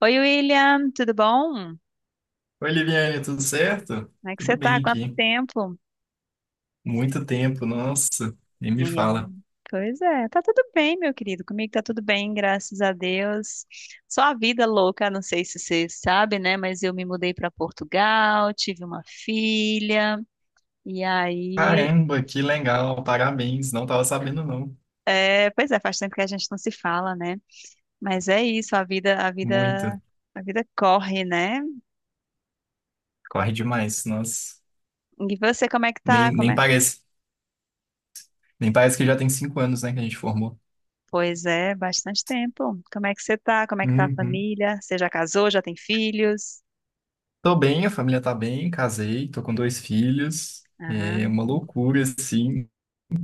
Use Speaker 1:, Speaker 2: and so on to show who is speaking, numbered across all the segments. Speaker 1: Oi, William, tudo bom?
Speaker 2: Oi, Liviane, tudo certo?
Speaker 1: Como é que você
Speaker 2: Tudo
Speaker 1: tá?
Speaker 2: bem
Speaker 1: Quanto
Speaker 2: aqui.
Speaker 1: tempo?
Speaker 2: Muito tempo, nossa, nem me
Speaker 1: Menina.
Speaker 2: fala.
Speaker 1: Pois é, tá tudo bem, meu querido. Comigo tá tudo bem, graças a Deus. Só a vida louca, não sei se você sabe, né? Mas eu me mudei para Portugal, tive uma filha, e aí,
Speaker 2: Caramba, que legal, parabéns. Não tava sabendo, não.
Speaker 1: pois é, faz tempo que a gente não se fala, né? Mas é isso,
Speaker 2: Muito.
Speaker 1: a vida corre, né?
Speaker 2: Corre demais, nossa.
Speaker 1: E você, como é que tá?
Speaker 2: Nem parece. Nem parece que já tem 5 anos, né, que a gente formou.
Speaker 1: Pois é, bastante tempo. Como é que você tá? Como é que tá a
Speaker 2: Uhum.
Speaker 1: família? Você já casou? Já tem filhos?
Speaker 2: Tô bem, a família tá bem, casei, tô com dois filhos.
Speaker 1: Ah,
Speaker 2: É uma loucura, assim,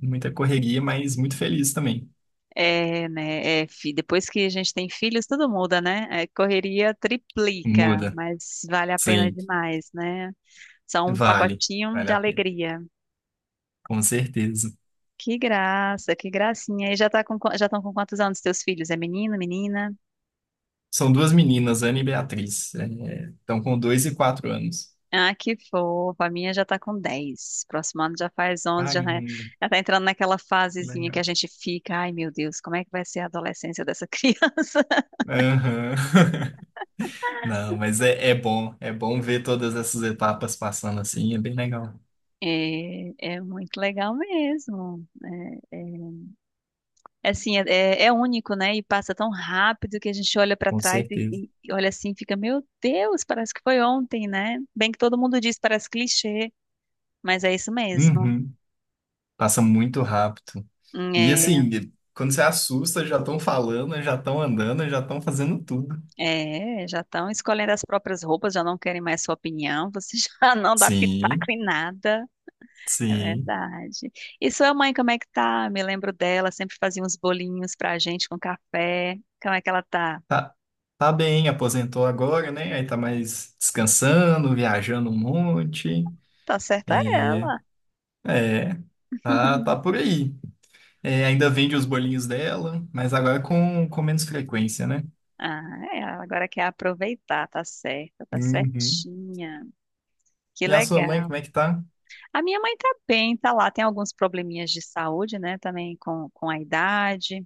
Speaker 2: muita correria, mas muito feliz também.
Speaker 1: é, né? É, depois que a gente tem filhos, tudo muda, né? É, correria triplica,
Speaker 2: Muda.
Speaker 1: mas vale a pena
Speaker 2: Sim,
Speaker 1: demais, né? São um
Speaker 2: vale.
Speaker 1: pacotinho
Speaker 2: Vale
Speaker 1: de
Speaker 2: a pena.
Speaker 1: alegria.
Speaker 2: Com certeza.
Speaker 1: Que graça, que gracinha. E já tá com, já estão com quantos anos teus filhos? É menino, menina?
Speaker 2: São duas meninas, Ana e Beatriz. É, estão com 2 e 4 anos.
Speaker 1: Ah, que fofa. A minha já tá com 10. Próximo ano já faz 11, já tá,
Speaker 2: Caramba,
Speaker 1: já tá entrando naquela
Speaker 2: que
Speaker 1: fasezinha que a
Speaker 2: legal.
Speaker 1: gente fica, ai meu Deus, como é que vai ser a adolescência dessa criança?
Speaker 2: Aham. Não, mas é, é bom. É bom ver todas essas etapas passando assim. É bem legal.
Speaker 1: É, é muito legal mesmo. É, é, é único, né? E passa tão rápido que a gente olha pra
Speaker 2: Com
Speaker 1: trás e,
Speaker 2: certeza.
Speaker 1: e olha assim, e fica, meu Deus, parece que foi ontem, né? Bem que todo mundo diz, parece clichê, mas é isso mesmo.
Speaker 2: Uhum. Passa muito rápido. E
Speaker 1: É.
Speaker 2: assim, quando você assusta, já estão falando, já estão andando, já estão fazendo tudo.
Speaker 1: É, já estão escolhendo as próprias roupas, já não querem mais sua opinião, você já não dá pitaco
Speaker 2: Sim,
Speaker 1: em nada. É
Speaker 2: sim.
Speaker 1: verdade. E sua mãe, como é que tá? Me lembro dela, sempre fazia uns bolinhos pra gente com café. Como é que ela tá?
Speaker 2: Tá, tá bem, aposentou agora, né? Aí tá mais descansando, viajando um monte.
Speaker 1: Tá certa
Speaker 2: É,
Speaker 1: ela.
Speaker 2: é. Tá, tá por aí. É, ainda vende os bolinhos dela, mas agora com menos frequência, né?
Speaker 1: Ah, é, ela agora quer aproveitar, tá certa, tá
Speaker 2: Uhum.
Speaker 1: certinha. Que
Speaker 2: E a sua mãe,
Speaker 1: legal.
Speaker 2: como é que tá?
Speaker 1: A minha mãe tá bem, tá lá, tem alguns probleminhas de saúde, né, também com a idade.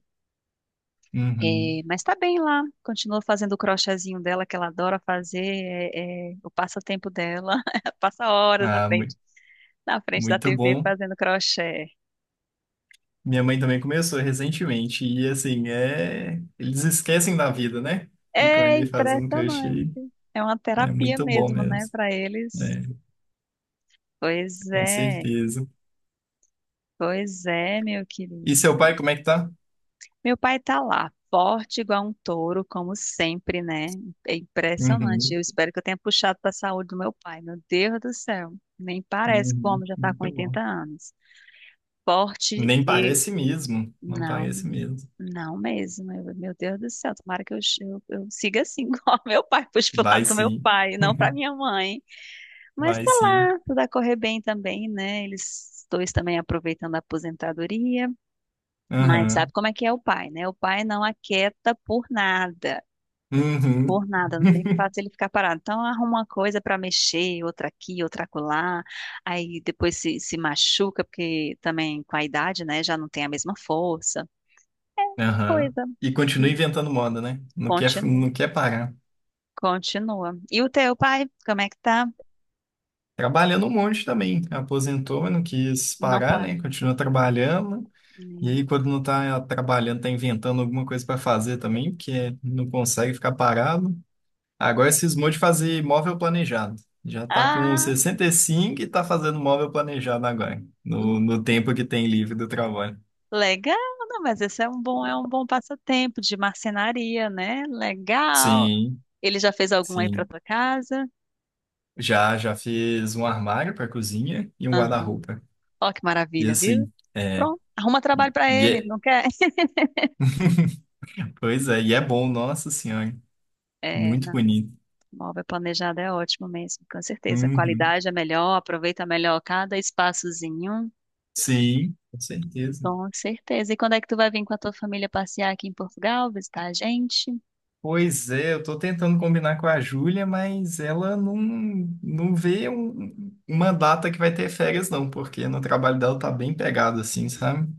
Speaker 2: Uhum.
Speaker 1: É, mas tá bem lá, continua fazendo o crochêzinho dela que ela adora fazer, é, é o passatempo dela. Ela passa horas
Speaker 2: Ah,
Speaker 1: na frente da
Speaker 2: muito
Speaker 1: TV
Speaker 2: bom.
Speaker 1: fazendo crochê.
Speaker 2: Minha mãe também começou recentemente. E assim, é, eles esquecem da vida, né? Ficam
Speaker 1: É
Speaker 2: ali fazendo
Speaker 1: impressionante,
Speaker 2: crochê.
Speaker 1: é uma
Speaker 2: É
Speaker 1: terapia
Speaker 2: muito bom
Speaker 1: mesmo, né,
Speaker 2: mesmo.
Speaker 1: para eles.
Speaker 2: É,
Speaker 1: Pois
Speaker 2: com
Speaker 1: é,
Speaker 2: certeza.
Speaker 1: pois é, meu querido.
Speaker 2: E seu pai, como é que tá?
Speaker 1: Meu pai tá lá, forte igual um touro, como sempre, né? É impressionante. Eu
Speaker 2: Uhum.
Speaker 1: espero que eu tenha puxado para a saúde do meu pai. Meu Deus do céu, nem parece
Speaker 2: Uhum.
Speaker 1: como já tá com
Speaker 2: Muito bom.
Speaker 1: 80 anos. Esporte
Speaker 2: Nem
Speaker 1: e
Speaker 2: parece mesmo. Não
Speaker 1: Não,
Speaker 2: parece mesmo.
Speaker 1: não mesmo. Meu Deus do céu, tomara que eu siga assim, igual meu pai, puxe pro lado
Speaker 2: Vai
Speaker 1: do meu
Speaker 2: sim.
Speaker 1: pai, não pra minha mãe. Mas
Speaker 2: Vai
Speaker 1: tá
Speaker 2: sim.
Speaker 1: lá, tudo a correr bem também, né? Eles dois também aproveitando a aposentadoria, mas sabe
Speaker 2: Aham.
Speaker 1: como é que é o pai, né? O pai não aquieta por nada.
Speaker 2: Uhum.
Speaker 1: Por nada, não tem fácil ele ficar parado. Então arruma uma coisa pra mexer, outra aqui, outra acolá. Aí depois se machuca, porque também com a idade, né, já não tem a mesma força.
Speaker 2: Aham.
Speaker 1: Coisa
Speaker 2: E continua
Speaker 1: de
Speaker 2: inventando moda, né? Não quer,
Speaker 1: Continua,
Speaker 2: não quer parar.
Speaker 1: continua. E o teu pai, como é que tá?
Speaker 2: Trabalhando um monte também. Aposentou, mas não quis
Speaker 1: Não
Speaker 2: parar,
Speaker 1: para.
Speaker 2: né? Continua trabalhando. E
Speaker 1: Hum.
Speaker 2: aí, quando não tá trabalhando, tá inventando alguma coisa para fazer também, porque não consegue ficar parado. Agora cismou de fazer móvel planejado. Já tá com
Speaker 1: Ah,
Speaker 2: 65 e cinco e tá fazendo móvel planejado agora, no,
Speaker 1: hum,
Speaker 2: no tempo que tem livre do trabalho.
Speaker 1: legal, não, mas esse é um bom passatempo de marcenaria, né? Legal.
Speaker 2: Sim,
Speaker 1: Ele já fez algum aí pra
Speaker 2: sim.
Speaker 1: tua casa?
Speaker 2: Já fiz um armário para cozinha e um
Speaker 1: Ah,
Speaker 2: guarda-roupa.
Speaker 1: ó que
Speaker 2: E
Speaker 1: maravilha, viu?
Speaker 2: assim, é,
Speaker 1: Pronto, arruma trabalho
Speaker 2: e,
Speaker 1: pra
Speaker 2: e
Speaker 1: ele, ele
Speaker 2: é,
Speaker 1: não quer.
Speaker 2: pois é, e é bom, nossa senhora,
Speaker 1: É,
Speaker 2: muito
Speaker 1: não,
Speaker 2: bonito.
Speaker 1: móvel planejado é ótimo mesmo, com certeza. A
Speaker 2: Uhum.
Speaker 1: qualidade é melhor, aproveita melhor cada espaçozinho.
Speaker 2: Sim, com certeza.
Speaker 1: Com certeza. E quando é que tu vai vir com a tua família passear aqui em Portugal, visitar a gente?
Speaker 2: Pois é, eu tô tentando combinar com a Júlia, mas ela não vê uma data que vai ter férias, não, porque no trabalho dela tá bem pegado, assim, sabe?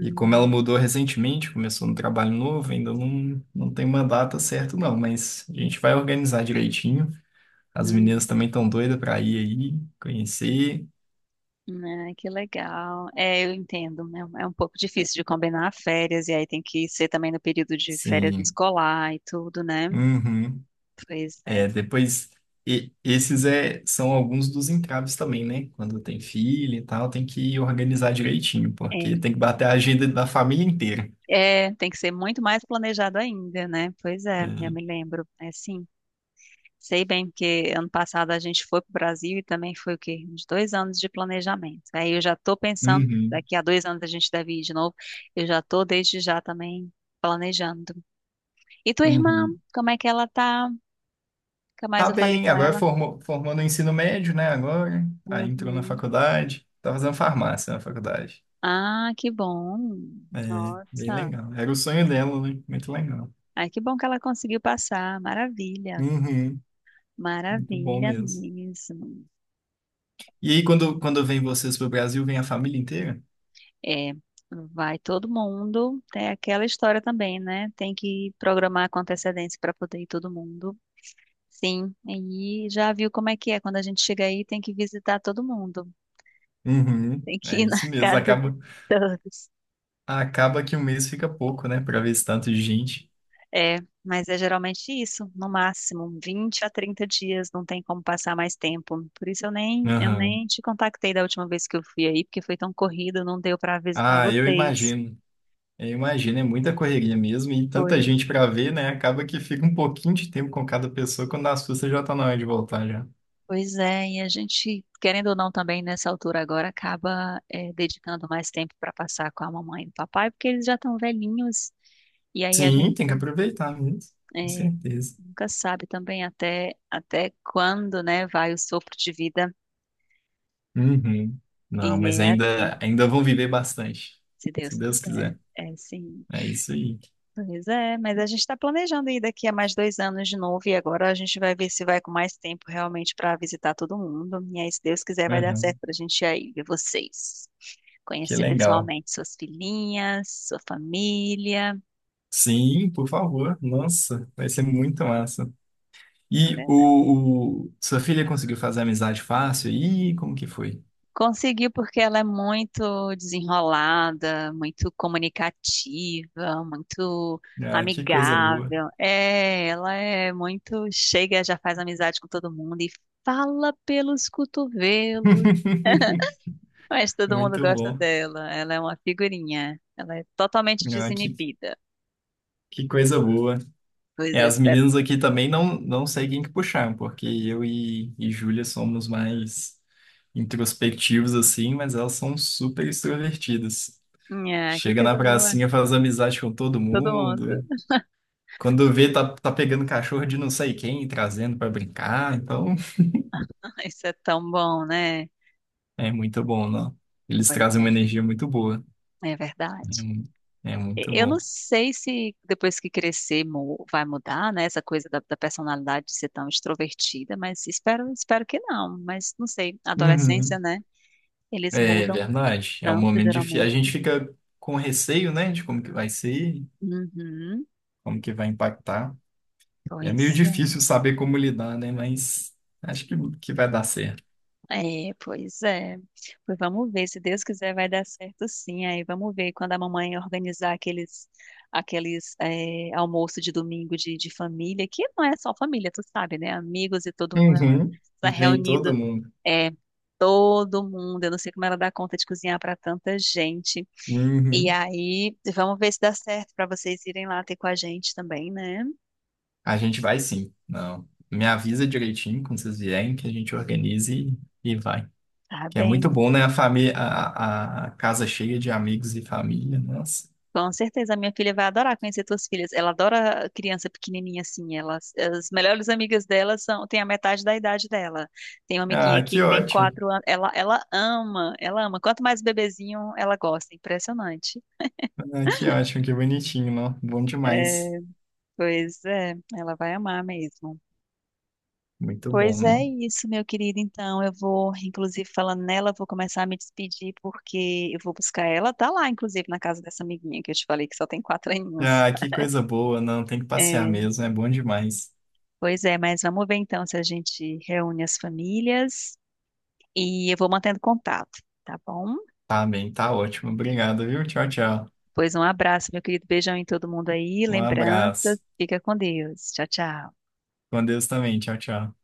Speaker 2: E como ela mudou recentemente, começou no trabalho novo, ainda não tem uma data certa, não, mas a gente vai organizar direitinho. As meninas
Speaker 1: hum,
Speaker 2: também estão doidas para ir aí, conhecer.
Speaker 1: né, que legal. É, eu entendo, né? É um pouco difícil de combinar férias, e aí tem que ser também no período de férias
Speaker 2: Sim.
Speaker 1: escolar e tudo, né?
Speaker 2: Uhum.
Speaker 1: Pois é.
Speaker 2: É, depois, esses é, são alguns dos entraves também, né? Quando tem filho e tal, tem que organizar direitinho,
Speaker 1: É,
Speaker 2: porque tem que bater a agenda da família inteira.
Speaker 1: tem que ser muito mais planejado ainda, né? Pois é, já
Speaker 2: É.
Speaker 1: me lembro. É sim. Sei bem, porque ano passado a gente foi para o Brasil e também foi o quê? Uns 2 anos de planejamento. Aí eu já estou pensando,
Speaker 2: Uhum.
Speaker 1: daqui a 2 anos a gente deve ir de novo. Eu já estou desde já também planejando. E tua irmã,
Speaker 2: Uhum.
Speaker 1: como é que ela tá? Nunca mais
Speaker 2: Tá
Speaker 1: eu falei
Speaker 2: bem,
Speaker 1: com
Speaker 2: agora
Speaker 1: ela.
Speaker 2: formou, formou no ensino médio, né? Agora, aí entrou na
Speaker 1: Uhum.
Speaker 2: faculdade, tá fazendo farmácia na faculdade.
Speaker 1: Ah, que bom.
Speaker 2: É, bem
Speaker 1: Nossa.
Speaker 2: legal. Era o sonho dela, né? Muito legal.
Speaker 1: Ai, que bom que ela conseguiu passar. Maravilha.
Speaker 2: Uhum. Muito bom
Speaker 1: Maravilha
Speaker 2: mesmo.
Speaker 1: mesmo.
Speaker 2: E aí, quando vem vocês pro Brasil, vem a família inteira?
Speaker 1: É, vai todo mundo. Tem aquela história também, né? Tem que programar com antecedência para poder ir todo mundo. Sim, e já viu como é que é. Quando a gente chega aí, tem que visitar todo mundo.
Speaker 2: Uhum,
Speaker 1: Tem que
Speaker 2: é
Speaker 1: ir na
Speaker 2: isso mesmo.
Speaker 1: casa de
Speaker 2: Acaba,
Speaker 1: todos.
Speaker 2: acaba que um mês fica pouco, né? Pra ver esse tanto de gente.
Speaker 1: É, mas é geralmente isso, no máximo 20 a 30 dias, não tem como passar mais tempo. Por isso eu nem, eu
Speaker 2: Aham.
Speaker 1: nem te contactei da última vez que eu fui aí, porque foi tão corrido, não deu para visitar
Speaker 2: Ah, eu
Speaker 1: vocês.
Speaker 2: imagino. Eu imagino, é muita correria mesmo e tanta
Speaker 1: Pois
Speaker 2: gente pra ver, né? Acaba que fica um pouquinho de tempo com cada pessoa, quando as suas já tá na hora de voltar já.
Speaker 1: Pois é, e a gente, querendo ou não, também nessa altura agora acaba dedicando mais tempo para passar com a mamãe e o papai, porque eles já estão velhinhos, e aí a gente
Speaker 2: Sim, tem que aproveitar mesmo, com
Speaker 1: eh,
Speaker 2: certeza.
Speaker 1: nunca sabe também até quando, né, vai o sopro de vida,
Speaker 2: Uhum. Não, mas
Speaker 1: e é,
Speaker 2: ainda vão viver bastante,
Speaker 1: se
Speaker 2: se
Speaker 1: Deus
Speaker 2: Deus
Speaker 1: quiser,
Speaker 2: quiser.
Speaker 1: é sim.
Speaker 2: É isso aí.
Speaker 1: Pois é, mas a gente está planejando ir daqui a mais 2 anos de novo, e agora a gente vai ver se vai com mais tempo realmente para visitar todo mundo, e aí, se Deus quiser, vai dar certo
Speaker 2: Uhum.
Speaker 1: para a gente ir aí ver vocês.
Speaker 2: Que
Speaker 1: Conhecer
Speaker 2: legal.
Speaker 1: pessoalmente suas filhinhas, sua família,
Speaker 2: Sim, por favor. Nossa, vai ser muito massa.
Speaker 1: é
Speaker 2: E
Speaker 1: verdade.
Speaker 2: sua filha conseguiu fazer amizade fácil? Ih, como que foi?
Speaker 1: Conseguiu porque ela é muito desenrolada, muito comunicativa, muito
Speaker 2: Ah, que coisa boa.
Speaker 1: amigável. É, ela é muito chega, já faz amizade com todo mundo e fala pelos cotovelos. Mas todo mundo
Speaker 2: Muito
Speaker 1: gosta
Speaker 2: bom.
Speaker 1: dela. Ela é uma figurinha. Ela é totalmente
Speaker 2: Ah,
Speaker 1: desinibida.
Speaker 2: que coisa boa.
Speaker 1: Pois
Speaker 2: É,
Speaker 1: eu
Speaker 2: as
Speaker 1: espero.
Speaker 2: meninas aqui também não, não sei quem que puxar, porque eu e Júlia somos mais introspectivos assim, mas elas são super extrovertidas.
Speaker 1: É, que
Speaker 2: Chega na
Speaker 1: coisa boa.
Speaker 2: pracinha, faz amizade com todo
Speaker 1: Todo mundo.
Speaker 2: mundo. Quando vê, tá pegando cachorro de não sei quem e trazendo pra brincar. Então,
Speaker 1: Isso é tão bom, né?
Speaker 2: é muito bom, não? Eles
Speaker 1: Pois
Speaker 2: trazem
Speaker 1: é.
Speaker 2: uma energia muito boa.
Speaker 1: É
Speaker 2: É,
Speaker 1: verdade.
Speaker 2: é
Speaker 1: E-
Speaker 2: muito
Speaker 1: eu não
Speaker 2: bom.
Speaker 1: sei se depois que crescer vai mudar, né? Essa coisa da personalidade de ser tão extrovertida, mas espero, espero que não. Mas não sei, adolescência,
Speaker 2: Uhum.
Speaker 1: né? Eles
Speaker 2: É
Speaker 1: mudam
Speaker 2: verdade. É um
Speaker 1: tanto,
Speaker 2: momento difícil. A
Speaker 1: geralmente.
Speaker 2: gente fica com receio, né, de como que vai ser,
Speaker 1: Uhum.
Speaker 2: como que vai impactar. É meio
Speaker 1: Pois
Speaker 2: difícil
Speaker 1: é.
Speaker 2: saber como lidar, né? Mas acho que vai dar certo.
Speaker 1: É. Pois vamos ver, se Deus quiser vai dar certo sim. Aí vamos ver quando a mamãe organizar aqueles almoço de domingo de família, que não é só família, tu sabe, né? Amigos e todo mundo, ela
Speaker 2: Uhum.
Speaker 1: tá
Speaker 2: Vem todo
Speaker 1: reunindo.
Speaker 2: mundo.
Speaker 1: É, todo mundo. Eu não sei como ela dá conta de cozinhar para tanta gente. E
Speaker 2: Uhum.
Speaker 1: aí, vamos ver se dá certo para vocês irem lá ter com a gente também, né?
Speaker 2: A gente vai sim. Não. Me avisa direitinho quando vocês vierem que a gente organize e vai.
Speaker 1: Tá
Speaker 2: Que é muito
Speaker 1: bem.
Speaker 2: bom, né? A família, a casa cheia de amigos e família. Nossa.
Speaker 1: Com certeza, a minha filha vai adorar conhecer tuas filhas. Ela adora criança pequenininha assim. Elas, as melhores amigas dela são, tem a metade da idade dela. Tem uma amiguinha
Speaker 2: Ah,
Speaker 1: aqui
Speaker 2: que
Speaker 1: que tem
Speaker 2: ótimo.
Speaker 1: 4 anos. Ela ama, ela ama. Quanto mais bebezinho, ela gosta. Impressionante.
Speaker 2: Ah, que ótimo, que bonitinho, não? Bom demais.
Speaker 1: É, pois é, ela vai amar mesmo.
Speaker 2: Muito bom,
Speaker 1: Pois é
Speaker 2: não?
Speaker 1: isso, meu querido. Então, eu vou, inclusive, falando nela, vou começar a me despedir, porque eu vou buscar ela. Tá lá, inclusive, na casa dessa amiguinha que eu te falei que só tem 4 aninhos.
Speaker 2: Ah, que coisa boa, não. Tem que passear
Speaker 1: É,
Speaker 2: mesmo, é bom demais.
Speaker 1: pois é, mas vamos ver então se a gente reúne as famílias e eu vou mantendo contato, tá bom?
Speaker 2: Tá bem, tá ótimo. Obrigado, viu? Tchau, tchau.
Speaker 1: Pois um abraço, meu querido. Beijão em todo mundo aí,
Speaker 2: Um
Speaker 1: lembranças.
Speaker 2: abraço.
Speaker 1: Fica com Deus. Tchau, tchau.
Speaker 2: Com Deus também. Tchau, tchau.